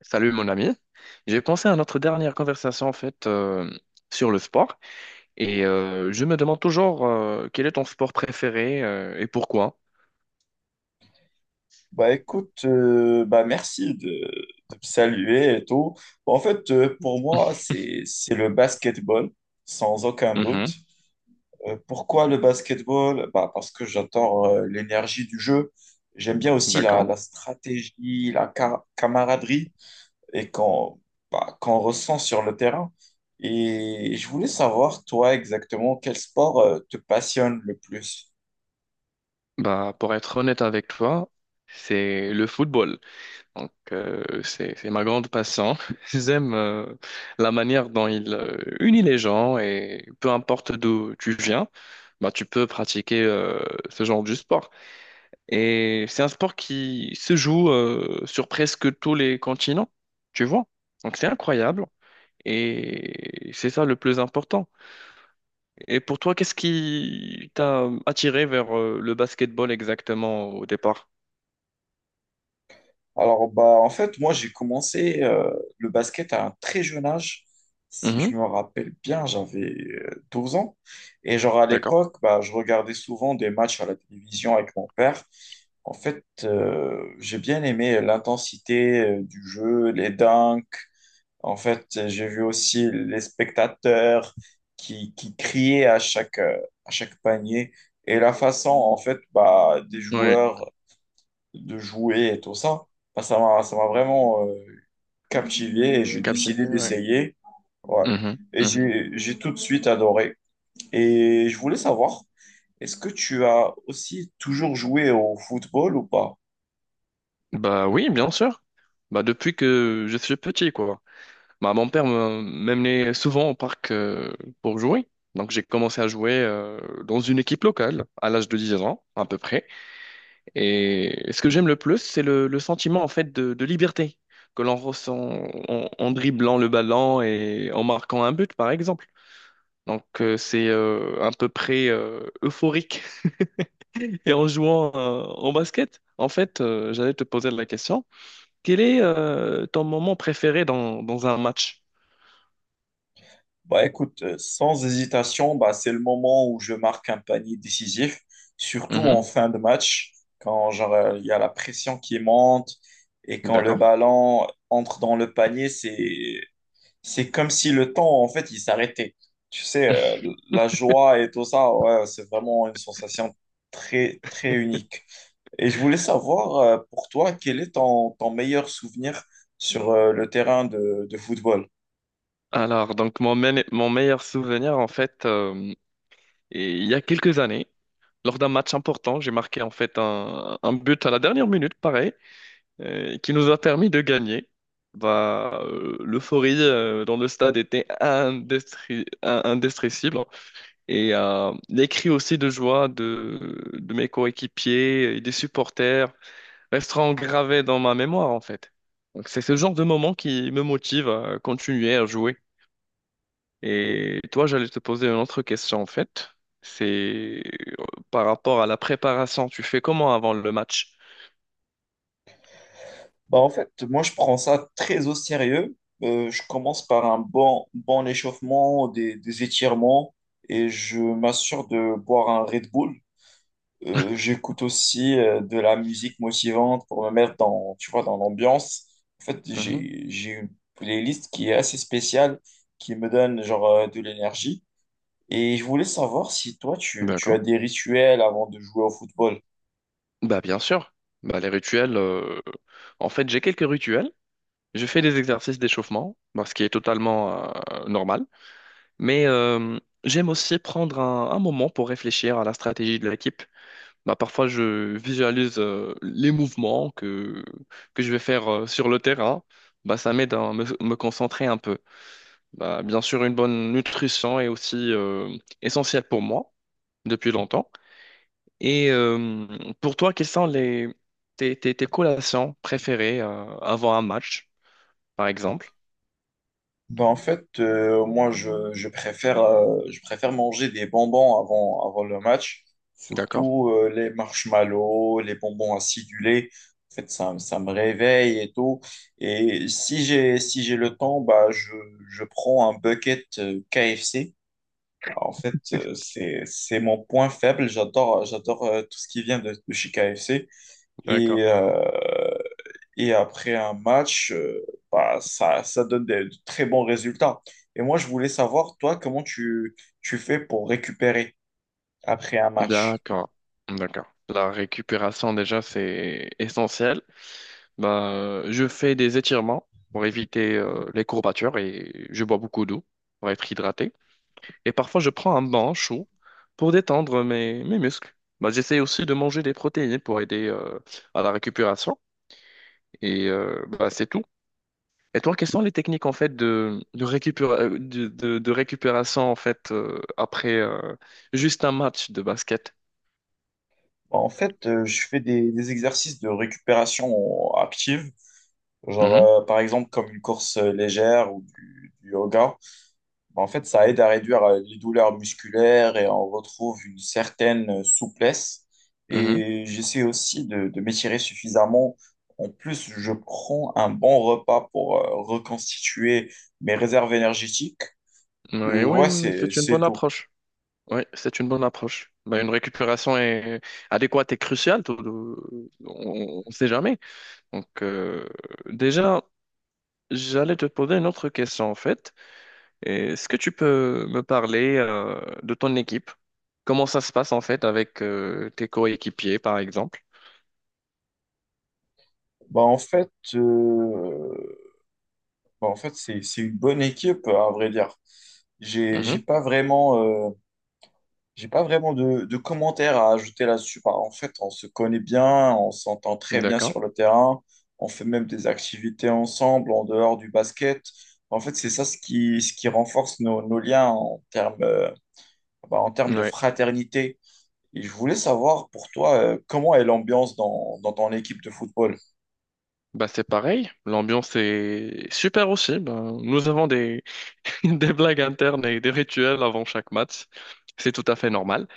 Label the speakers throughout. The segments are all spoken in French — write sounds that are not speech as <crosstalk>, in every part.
Speaker 1: Salut mon ami. J'ai pensé à notre dernière conversation en fait sur le sport et je me demande toujours quel est ton sport préféré et pourquoi.
Speaker 2: Bah écoute, bah merci de me saluer et tout. Bon, pour moi, c'est le basketball, sans aucun doute.
Speaker 1: Mhm,
Speaker 2: Pourquoi le basketball? Bah parce que j'adore l'énergie du jeu. J'aime bien aussi la,
Speaker 1: d'accord.
Speaker 2: la stratégie, camaraderie et qu'on ressent sur le terrain. Et je voulais savoir, toi, exactement, quel sport te passionne le plus?
Speaker 1: Bah pour être honnête avec toi, c'est le football. Donc c'est ma grande passion. <laughs> J'aime la manière dont il unit les gens et peu importe d'où tu viens, bah tu peux pratiquer ce genre de sport. Et c'est un sport qui se joue sur presque tous les continents, tu vois. Donc c'est incroyable. Et c'est ça le plus important. Et pour toi, qu'est-ce qui t'a attiré vers le basketball exactement au départ?
Speaker 2: Alors, bah, en fait, moi, j'ai commencé le basket à un très jeune âge. Si je
Speaker 1: Mhm,
Speaker 2: me rappelle bien, j'avais 12 ans. Et genre, à
Speaker 1: d'accord.
Speaker 2: l'époque, bah, je regardais souvent des matchs à la télévision avec mon père. En fait, j'ai bien aimé l'intensité du jeu, les dunks. En fait, j'ai vu aussi les spectateurs qui criaient à chaque panier et la façon, en fait, bah, des
Speaker 1: Oui,
Speaker 2: joueurs de jouer et tout ça. Bah, ça m'a vraiment captivé et j'ai
Speaker 1: captivé,
Speaker 2: décidé
Speaker 1: ouais.
Speaker 2: d'essayer. Ouais.
Speaker 1: Mhm,
Speaker 2: Et
Speaker 1: mhm.
Speaker 2: j'ai tout de suite adoré. Et je voulais savoir, est-ce que tu as aussi toujours joué au football ou pas?
Speaker 1: Bah oui, bien sûr. Bah depuis que je suis petit, quoi. Bah, m'amenait souvent au parc pour jouer. Donc j'ai commencé à jouer dans une équipe locale à l'âge de 10 ans à peu près. Et ce que j'aime le plus, c'est le sentiment en fait de liberté que l'on ressent en dribblant le ballon et en marquant un but par exemple. Donc c'est à peu près euphorique. <laughs> Et en jouant en basket, en fait, j'allais te poser la question, quel est ton moment préféré dans, dans un match?
Speaker 2: Bah écoute, sans hésitation, bah, c'est le moment où je marque un panier décisif, surtout en
Speaker 1: Mhm.
Speaker 2: fin de match, quand il y a la pression qui monte et quand le
Speaker 1: D'accord.
Speaker 2: ballon entre dans le panier, c'est comme si le temps, en fait, il s'arrêtait. Tu sais, la joie et tout ça, ouais, c'est vraiment une sensation très, très unique. Et je voulais savoir, pour toi, quel est ton meilleur souvenir sur
Speaker 1: <laughs>
Speaker 2: le terrain de football?
Speaker 1: Alors, donc mon meilleur souvenir, en fait, et il y a quelques années, lors d'un match important, j'ai marqué en fait un but à la dernière minute, pareil, qui nous a permis de gagner. Bah, l'euphorie dans le stade était indescriptible. Et les cris aussi de joie de mes coéquipiers et des supporters resteront gravés dans ma mémoire, en fait. Donc, c'est ce genre de moment qui me motive à continuer à jouer. Et toi, j'allais te poser une autre question en fait. C'est euh, par rapport à la préparation, tu fais comment avant le match?
Speaker 2: Bah, en fait, moi, je prends ça très au sérieux. Je commence par un bon échauffement, des étirements, et je m'assure de boire un Red Bull. J'écoute aussi de la musique motivante pour me mettre dans, tu vois, dans l'ambiance. En fait,
Speaker 1: Mhm.
Speaker 2: j'ai une playlist qui est assez spéciale, qui me donne de l'énergie. Et je voulais savoir si toi, tu as
Speaker 1: D'accord.
Speaker 2: des rituels avant de jouer au football.
Speaker 1: Bah bien sûr. Bah les rituels. En fait, j'ai quelques rituels. Je fais des exercices d'échauffement, bah, ce qui est totalement normal. Mais j'aime aussi prendre un moment pour réfléchir à la stratégie de l'équipe. Bah, parfois, je visualise les mouvements que je vais faire sur le terrain. Bah ça m'aide à me concentrer un peu. Bah, bien sûr, une bonne nutrition est aussi essentielle pour moi depuis longtemps. Et pour toi, quelles sont tes collations préférées avant un match, par exemple?
Speaker 2: Ben, en fait, moi, je préfère manger des bonbons avant le match,
Speaker 1: D'accord?
Speaker 2: surtout les marshmallows, les bonbons acidulés. En fait, ça me réveille et tout. Et si j'ai le temps, bah, je prends un bucket KFC. En fait, c'est mon point faible. J'adore tout ce qui vient de chez KFC. Et,
Speaker 1: D'accord.
Speaker 2: euh, et après un match, ça donne de très bons résultats. Et moi, je voulais savoir, toi, comment tu fais pour récupérer après un match?
Speaker 1: D'accord. D'accord. La récupération, déjà, c'est essentiel. Bah, je fais des étirements pour éviter les courbatures et je bois beaucoup d'eau pour être hydraté. Et parfois, je prends un bain chaud pour détendre mes muscles. Bah, j'essaie aussi de manger des protéines pour aider à la récupération. Et bah, c'est tout. Et toi, quelles sont les techniques en fait de récupération en fait après juste un match de basket?
Speaker 2: Bah, en fait, je fais des exercices de récupération active, genre
Speaker 1: Mhm,
Speaker 2: par exemple comme une course légère ou du yoga. Bah, en fait, ça aide à réduire les douleurs musculaires et on retrouve une certaine souplesse.
Speaker 1: mhm.
Speaker 2: Et j'essaie aussi de m'étirer suffisamment. En plus, je prends un bon repas pour reconstituer mes réserves énergétiques.
Speaker 1: Oui, oui,
Speaker 2: Ouais,
Speaker 1: oui, oui, c'est une
Speaker 2: c'est
Speaker 1: bonne
Speaker 2: tout.
Speaker 1: approche. Oui, c'est une bonne approche. Bah, une récupération est adéquate et cruciale. On ne sait jamais. Donc, déjà. J'allais te poser une autre question en fait. Est-ce que tu peux me parler de ton équipe? Comment ça se passe en fait avec tes coéquipiers par exemple?
Speaker 2: Bah, en fait, euh, En fait c'est une bonne équipe, à vrai dire. J'ai, j'ai
Speaker 1: Mhm.
Speaker 2: pas vraiment euh, J'ai pas vraiment de commentaires à ajouter là-dessus. Bah, en fait, on se connaît bien, on s'entend très bien
Speaker 1: D'accord.
Speaker 2: sur le terrain, on fait même des activités ensemble en dehors du basket. En fait, c'est ça ce qui renforce nos liens en en termes de
Speaker 1: Ouais.
Speaker 2: fraternité. Et je voulais savoir pour toi, comment est l'ambiance dans ton équipe de football?
Speaker 1: Bah c'est pareil. L'ambiance est super aussi. Ben, nous avons des... <laughs> des blagues internes et des rituels avant chaque match. C'est tout à fait normal.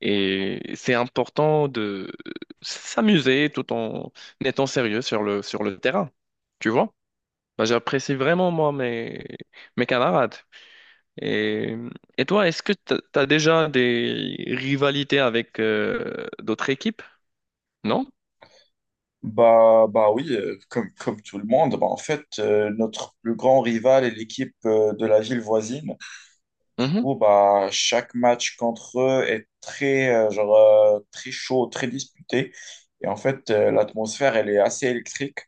Speaker 1: Et c'est important de s'amuser tout en étant sérieux sur le terrain. Tu vois? Ben, j'apprécie vraiment, moi, mes camarades. Et, et toi, est-ce que tu as déjà des rivalités avec d'autres équipes? Non?
Speaker 2: Bah oui, comme tout le monde, bah, en fait, notre plus grand rival est l'équipe de la ville voisine. Du
Speaker 1: Mhm.
Speaker 2: coup, bah, chaque match contre eux est très chaud, très disputé. Et en fait, l'atmosphère, elle est assez électrique.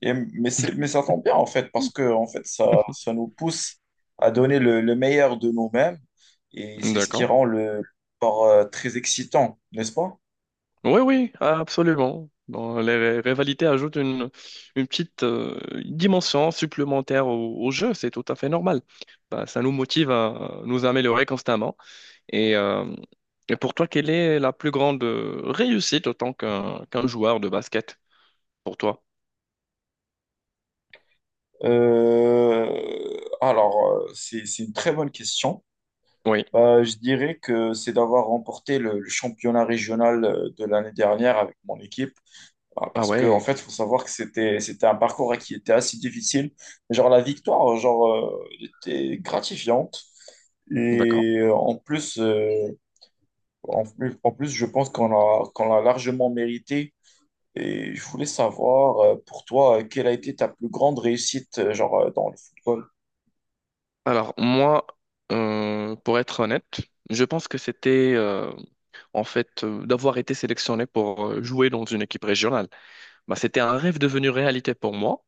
Speaker 2: Mais ça tombe bien, en fait, parce
Speaker 1: <laughs>
Speaker 2: que en fait, ça nous pousse à donner le meilleur de nous-mêmes. Et c'est ce qui
Speaker 1: D'accord.
Speaker 2: rend le sport très excitant, n'est-ce pas?
Speaker 1: Oui, oui, absolument. Bon, rivalités ajoutent une petite dimension supplémentaire au jeu, c'est tout à fait normal. Bah, ça nous motive à nous améliorer constamment. Et, euh, et pour toi, quelle est la plus grande réussite en tant qu'un joueur de basket pour toi?
Speaker 2: Euh, alors, c'est une très bonne question.
Speaker 1: Oui.
Speaker 2: Bah, je dirais que c'est d'avoir remporté le championnat régional de l'année dernière avec mon équipe.
Speaker 1: Ah
Speaker 2: Parce que, en
Speaker 1: ouais,
Speaker 2: fait, faut savoir que c'était un parcours hein, qui était assez difficile. La victoire était gratifiante.
Speaker 1: d'accord.
Speaker 2: Et en plus, je pense qu'on l'a largement mérité. Et je voulais savoir, pour toi, quelle a été ta plus grande réussite, dans le football?
Speaker 1: Alors moi, pour être honnête, je pense que c'était en fait d'avoir été sélectionné pour jouer dans une équipe régionale. Bah, c'était un rêve devenu réalité pour moi.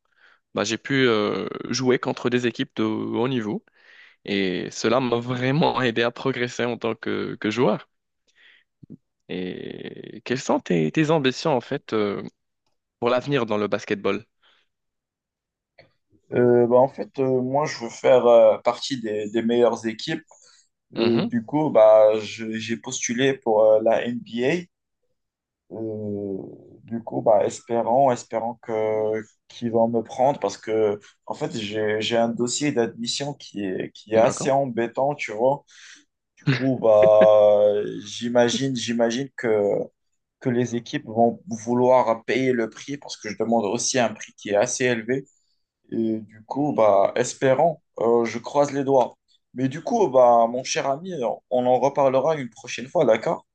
Speaker 1: Bah, j'ai pu jouer contre des équipes de haut niveau et cela m'a vraiment aidé à progresser en tant que joueur. Et quelles sont tes ambitions en fait pour l'avenir dans le basketball?
Speaker 2: Moi, je veux faire partie des meilleures équipes.
Speaker 1: Mhm,
Speaker 2: J'ai postulé pour la NBA. Euh, du coup, bah, espérons que qu'ils vont me prendre parce que, en fait, j'ai un dossier d'admission qui est assez
Speaker 1: d'accord.
Speaker 2: embêtant, tu vois. Du coup,
Speaker 1: <laughs>
Speaker 2: bah, j'imagine, j'imagine que, que les équipes vont vouloir payer le prix parce que je demande aussi un prix qui est assez élevé. Et du coup, bah, je croise les doigts. Mais du coup, bah, mon cher ami, on en reparlera une prochaine fois, d'accord?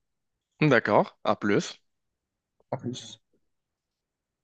Speaker 1: D'accord, à plus.
Speaker 2: À plus.